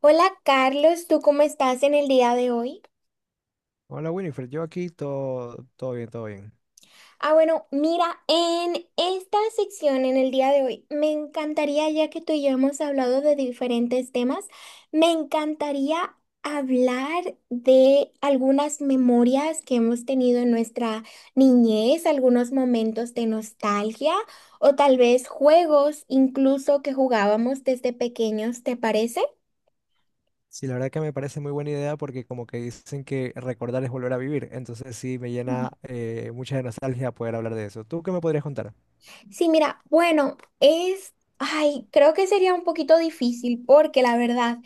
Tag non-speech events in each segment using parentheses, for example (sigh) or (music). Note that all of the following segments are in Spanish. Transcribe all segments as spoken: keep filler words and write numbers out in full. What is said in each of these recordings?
Hola Carlos, ¿tú cómo estás en el día de hoy? Hola Winifred, yo aquí todo, todo bien, todo bien. Ah, bueno, mira, en esta sección, en el día de hoy, me encantaría, ya que tú y yo hemos hablado de diferentes temas, me encantaría hablar de algunas memorias que hemos tenido en nuestra niñez, algunos momentos de nostalgia o tal vez juegos incluso que jugábamos desde pequeños, ¿te parece? Sí, la verdad que me parece muy buena idea porque como que dicen que recordar es volver a vivir, entonces sí me llena eh, mucha de nostalgia poder hablar de eso. ¿Tú qué me podrías contar? Sí, mira, bueno, es, ay, creo que sería un poquito difícil porque la verdad,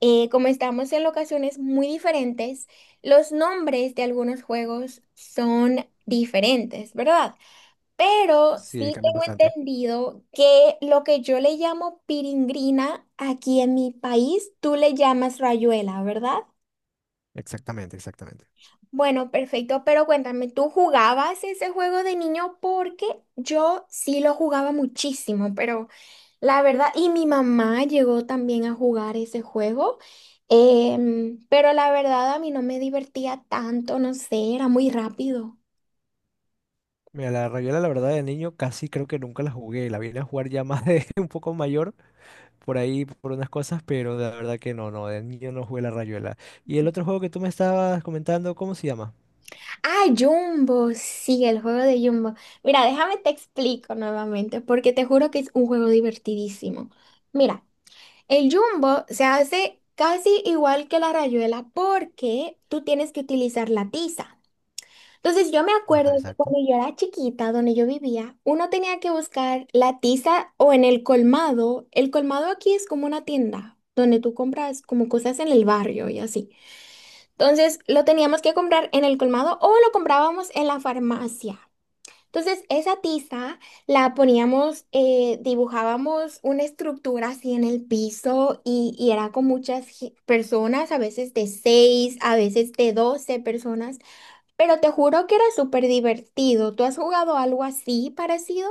eh, como estamos en locaciones muy diferentes, los nombres de algunos juegos son diferentes, ¿verdad? Pero Sí, sí cambian tengo bastante. entendido que lo que yo le llamo piringrina aquí en mi país, tú le llamas rayuela, ¿verdad? Exactamente, exactamente. Bueno, perfecto, pero cuéntame, ¿tú jugabas ese juego de niño? Porque yo sí lo jugaba muchísimo, pero... La verdad, y mi mamá llegó también a jugar ese juego, em, pero la verdad a mí no me divertía tanto, no sé, era muy rápido. Mira, la Rayuela, la verdad, de niño casi creo que nunca la jugué, la vine a jugar ya más de (laughs) un poco mayor, por ahí, por unas cosas, pero la verdad que no, no, de niño no jugué la Rayuela. ¿Y el otro juego que tú me estabas comentando, cómo se llama? Ah, Jumbo, sí, el juego de Jumbo. Mira, déjame te explico nuevamente, porque te juro que es un juego divertidísimo. Mira, el Jumbo se hace casi igual que la rayuela porque tú tienes que utilizar la tiza. Entonces yo me acuerdo Ah, que exacto. cuando yo era chiquita, donde yo vivía, uno tenía que buscar la tiza o en el colmado. El colmado aquí es como una tienda donde tú compras como cosas en el barrio y así. Entonces lo teníamos que comprar en el colmado o lo comprábamos en la farmacia. Entonces esa tiza la poníamos, eh, dibujábamos una estructura así en el piso y, y era con muchas ge- personas, a veces de seis, a veces de doce personas. Pero te juro que era súper divertido. ¿Tú has jugado algo así parecido?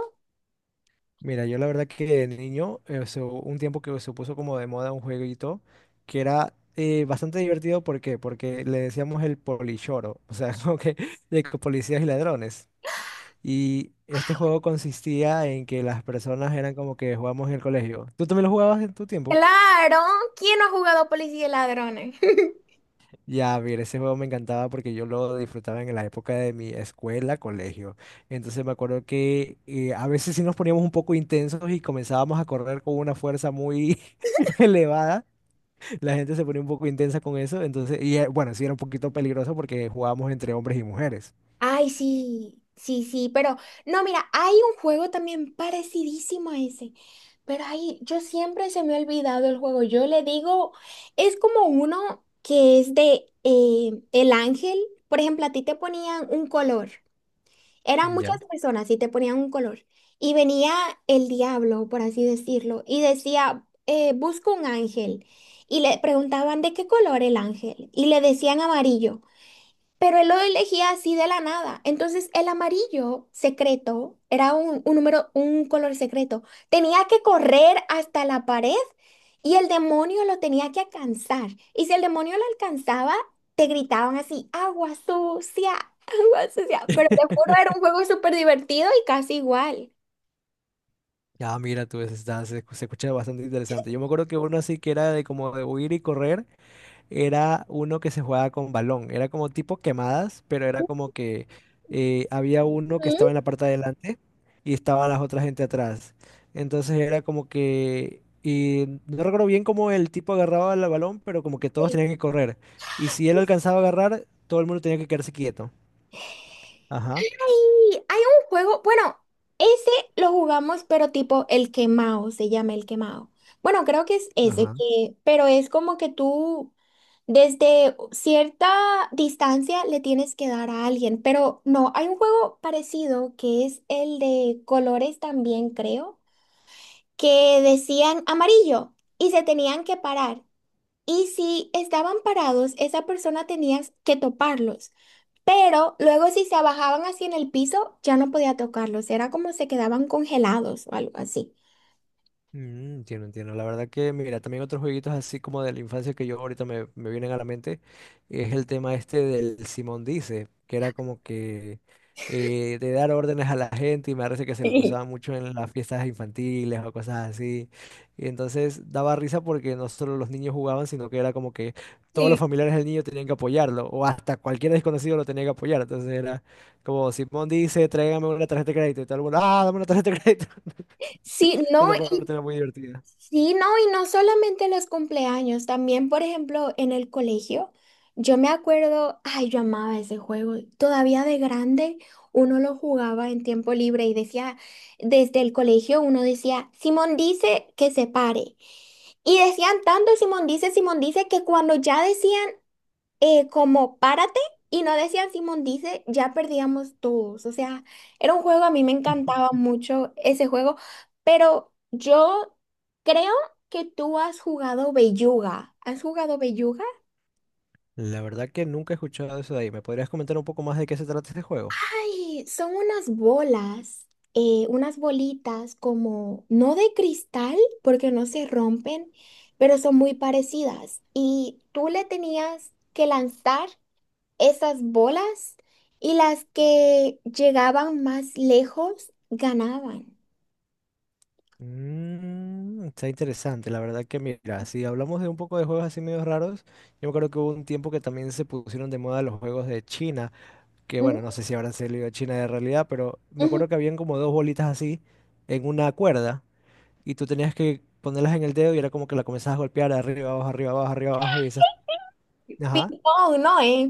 Mira, yo la verdad que de niño, eh, se- un tiempo que se puso como de moda un jueguito que era eh, bastante divertido, ¿por qué? Porque le decíamos el polichoro, o sea, (laughs) como que de que policías y ladrones. Y este juego consistía en que las personas eran como que jugábamos en el colegio. ¿Tú también lo jugabas en tu tiempo? Claro, ¿quién no ha jugado Policía y Ladrones? (laughs) Ya, mira, ese juego me encantaba porque yo lo disfrutaba en la época de mi escuela, colegio. Entonces me acuerdo que eh, a veces sí nos poníamos un poco intensos y comenzábamos a correr con una fuerza muy (laughs) elevada. La gente se ponía un poco intensa con eso. Entonces, y eh, bueno, sí era un poquito peligroso porque jugábamos entre hombres y mujeres. Ay, sí, sí, sí, pero no, mira, hay un juego también parecidísimo a ese, pero ahí yo siempre se me ha olvidado el juego. Yo le digo, es como uno que es de eh, el ángel, por ejemplo, a ti te ponían un color. Eran muchas Ya. personas y te ponían un color. Y venía el diablo, por así decirlo, y decía, eh, busco un ángel. Y le preguntaban de qué color el ángel. Y le decían amarillo. Pero él lo elegía así de la nada. Entonces, el amarillo secreto era un, un número, un color secreto. Tenía que correr hasta la pared y el demonio lo tenía que alcanzar. Y si el demonio lo alcanzaba, te gritaban así, agua sucia, (laughs) agua sucia. Pero te juro, era un juego súper divertido y casi igual. Ya, mira, tú, ese está- se, se escucha bastante interesante. Yo me acuerdo que uno así que era de como de huir y correr, era uno que se jugaba con balón. Era como tipo quemadas, pero era como que eh, había uno que Ujú. estaba en la parte de adelante y estaban las otras gente atrás. Entonces era como que... Y no recuerdo bien cómo el tipo agarraba el balón, pero como que todos tenían que correr. Y si él alcanzaba a agarrar, todo el mundo tenía que quedarse quieto. Ajá. Y hay un juego, bueno, ese lo jugamos, pero tipo el quemado, se llama el quemado. Bueno, creo que es ese Ajá. que, pero es como que tú desde cierta distancia le tienes que dar a alguien, pero no, hay un juego parecido que es el de colores también, creo, que decían amarillo y se tenían que parar. Y si estaban parados, esa persona tenía que toparlos. Pero luego si se abajaban así en el piso, ya no podía tocarlos. Era como se quedaban congelados o algo así. Mm, entiendo, entiendo. La verdad que, mira, también otros jueguitos así como de la infancia que yo ahorita me, me vienen a la mente es el tema este del Simón Dice, que era como que eh, de dar órdenes a la gente y me parece que se lo Sí. usaba mucho en las fiestas infantiles o cosas así. Y entonces daba risa porque no solo los niños jugaban, sino que era como que todos los Sí. familiares del niño tenían que apoyarlo o hasta cualquier desconocido lo tenía que apoyar. Entonces era como Simón Dice, tráigame una tarjeta de crédito y todo el mundo, ah, dame una tarjeta de crédito. (laughs) Sí, no, Esa y parte era muy divertida. sí, no, y no solamente en los cumpleaños, también, por ejemplo, en el colegio. Yo me acuerdo, ay, yo amaba ese juego. Todavía de grande, uno lo jugaba en tiempo libre y decía, desde el colegio uno decía, Simón dice que se pare. Y decían tanto Simón dice, Simón dice que cuando ya decían eh, como párate y no decías Simón dice, ya perdíamos todos. O sea, era un juego, a mí me encantaba mucho ese juego, pero yo creo que tú has jugado Belluga. ¿Has jugado Belluga? La verdad que nunca he escuchado eso de ahí. ¿Me podrías comentar un poco más de qué se trata este juego? Ay, son unas bolas, eh, unas bolitas como, no de cristal, porque no se rompen, pero son muy parecidas. Y tú le tenías que lanzar esas bolas y las que llegaban más lejos ganaban. Mm, está interesante. La verdad que mira, si hablamos de un poco de juegos así medio raros, yo me acuerdo que hubo un tiempo que también se pusieron de moda los juegos de China, que bueno, Ujú, no sé si habrán salido de China de realidad, pero me acuerdo ujú. que habían como dos bolitas así en una cuerda y tú tenías que ponerlas en el dedo y era como que la comenzabas a golpear de arriba, abajo, arriba, abajo, arriba, abajo y esas... Ajá. Ping-pong, ¿no? ¿eh?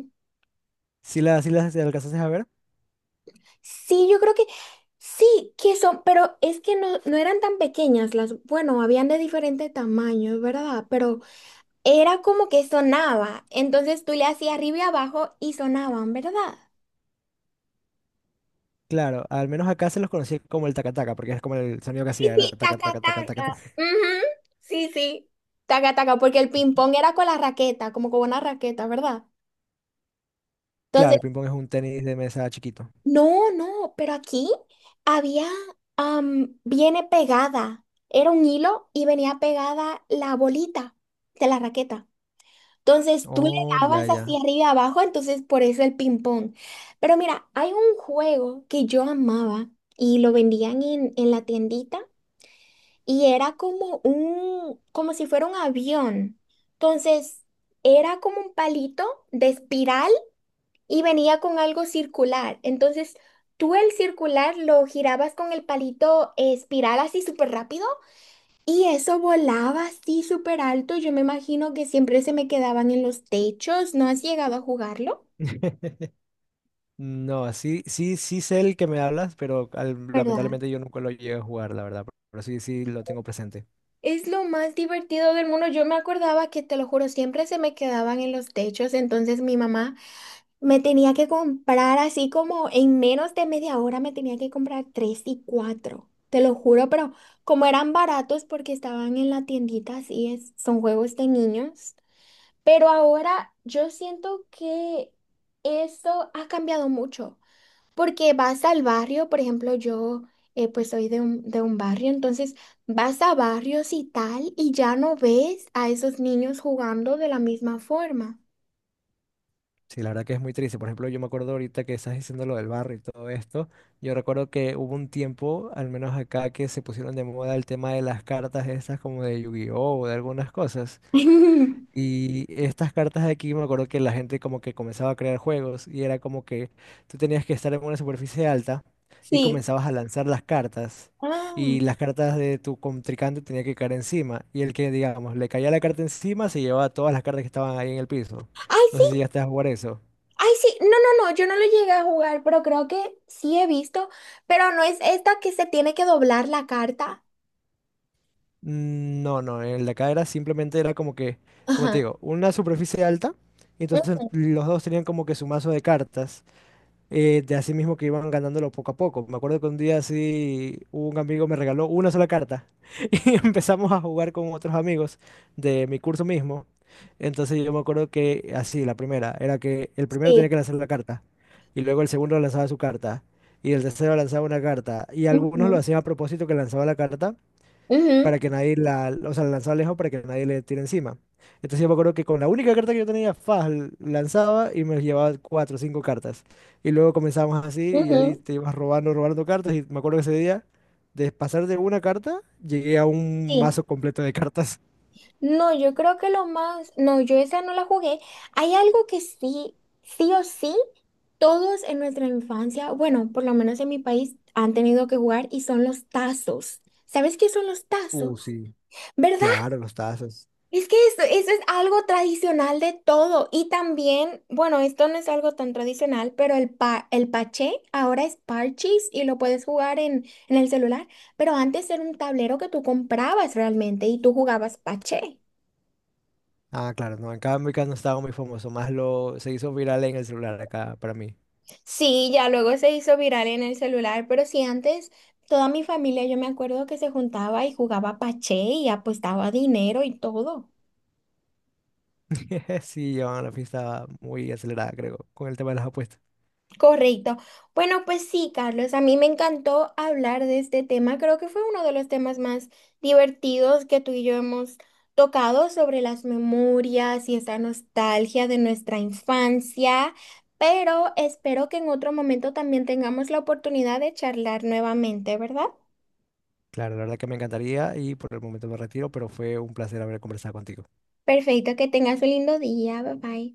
¿Sí las, sí las sí alcanzaste a ver? Sí, yo creo que sí, que son, pero es que no, no eran tan pequeñas las, bueno, habían de diferentes tamaños, ¿verdad? Pero era como que sonaba, entonces tú le hacías arriba y abajo y sonaban, ¿verdad? Claro, al menos acá se los conocía como el tacataca, porque es como el sonido que Sí, hacía, era sí, taca, taca, taca, taca, taca. taca. taca. Ujú. Sí, sí, taca, taca, porque el ping-pong era con la raqueta, como con una raqueta, ¿verdad? Claro, Entonces, el ping-pong es un tenis de mesa chiquito. no, no, pero aquí había, am, viene pegada. Era un hilo y venía pegada la bolita de la raqueta. Entonces tú le Oh, ya, dabas ya. hacia arriba y abajo, entonces por eso el ping-pong. Pero mira, hay un juego que yo amaba y lo vendían en, en la tiendita y era como un, como si fuera un avión. Entonces era como un palito de espiral y venía con algo circular. Entonces, tú el circular lo girabas con el palito eh, espiral así súper rápido y eso volaba así súper alto. Yo me imagino que siempre se me quedaban en los techos. ¿No has llegado a jugarlo? (laughs) No, sí, sí, sí sé el que me hablas, pero al- ¿Verdad? lamentablemente yo nunca lo llegué a jugar, la verdad. Pero sí, sí lo tengo presente. Es lo más divertido del mundo. Yo me acordaba que, te lo juro, siempre se me quedaban en los techos. Entonces mi mamá me tenía que comprar así como en menos de media hora me tenía que comprar tres y cuatro, te lo juro, pero como eran baratos porque estaban en la tiendita, así es, son juegos de niños. Pero ahora yo siento que eso ha cambiado mucho, porque vas al barrio, por ejemplo, yo eh, pues soy de un, de un barrio, entonces vas a barrios y tal y ya no ves a esos niños jugando de la misma forma. Sí, la verdad que es muy triste. Por ejemplo, yo me acuerdo ahorita que estás diciendo lo del barrio y todo esto. Yo recuerdo que hubo un tiempo, al menos acá, que se pusieron de moda el tema de las cartas estas como de Yu-Gi-Oh! O de algunas cosas. (laughs) Y estas cartas de aquí me acuerdo que la gente como que comenzaba a crear juegos y era como que tú tenías que estar en una superficie alta y Sí. comenzabas a lanzar las cartas Ah. y las cartas de tu contrincante tenía que caer encima y el que digamos le caía la carta encima se llevaba todas las cartas que estaban ahí en el piso. Ay, No sí, sé si ya estás a jugar eso. ay, sí. No, no, no, yo no lo llegué a jugar, pero creo que sí he visto. Pero no es esta que se tiene que doblar la carta. Mm, no, no, en la acá era simplemente era como que, como te Ajá. digo, una superficie alta y entonces Mm. los dos tenían como que su mazo de cartas eh, de así mismo que iban ganándolo poco a poco. Me acuerdo que un día así un amigo me regaló una sola carta (laughs) y empezamos a jugar con otros amigos de mi curso mismo. Entonces yo me acuerdo que así, la primera, era que el primero tenía Sí. que lanzar la carta y luego el segundo lanzaba su carta y el tercero lanzaba una carta y algunos lo Ujú, hacían a propósito que lanzaba la carta ujú, para que nadie la, o sea, la lanzaba lejos para que nadie le tire encima. Entonces yo me acuerdo que con la única carta que yo tenía, Faz lanzaba y me llevaba cuatro o cinco cartas. Y luego comenzábamos así y ahí ujú. te ibas robando, robando cartas. Y me acuerdo que ese día, de pasar de una carta, llegué a un Sí. mazo completo de cartas. No, yo creo que lo más. No, yo esa no la jugué. Hay algo que sí, sí o sí, todos en nuestra infancia, bueno, por lo menos en mi país, han tenido que jugar y son los tazos. ¿Sabes qué son los tazos? Uh, sí, ¿Verdad? claro, los tazos. Es que esto, eso es algo tradicional de todo. Y también, bueno, esto no es algo tan tradicional, pero el, pa- el paché ahora es parchís y lo puedes jugar en, en el celular. Pero antes era un tablero que tú comprabas realmente y tú jugabas paché. Ah, claro, no, acá en cambio acá no estaba muy famoso, más lo se hizo viral en el celular acá para mí. Sí, ya luego se hizo viral en el celular, pero sí, antes toda mi familia, yo me acuerdo que se juntaba y jugaba paché y apostaba dinero y todo. (laughs) Sí, llevaban la fiesta muy acelerada, creo, con el tema de las apuestas. Correcto. Bueno, pues sí, Carlos, a mí me encantó hablar de este tema. Creo que fue uno de los temas más divertidos que tú y yo hemos tocado sobre las memorias y esa nostalgia de nuestra infancia, pero espero que en otro momento también tengamos la oportunidad de charlar nuevamente, ¿verdad? Claro, la verdad que me encantaría y por el momento me retiro, pero fue un placer haber conversado contigo. Perfecto, que tengas un lindo día. Bye bye.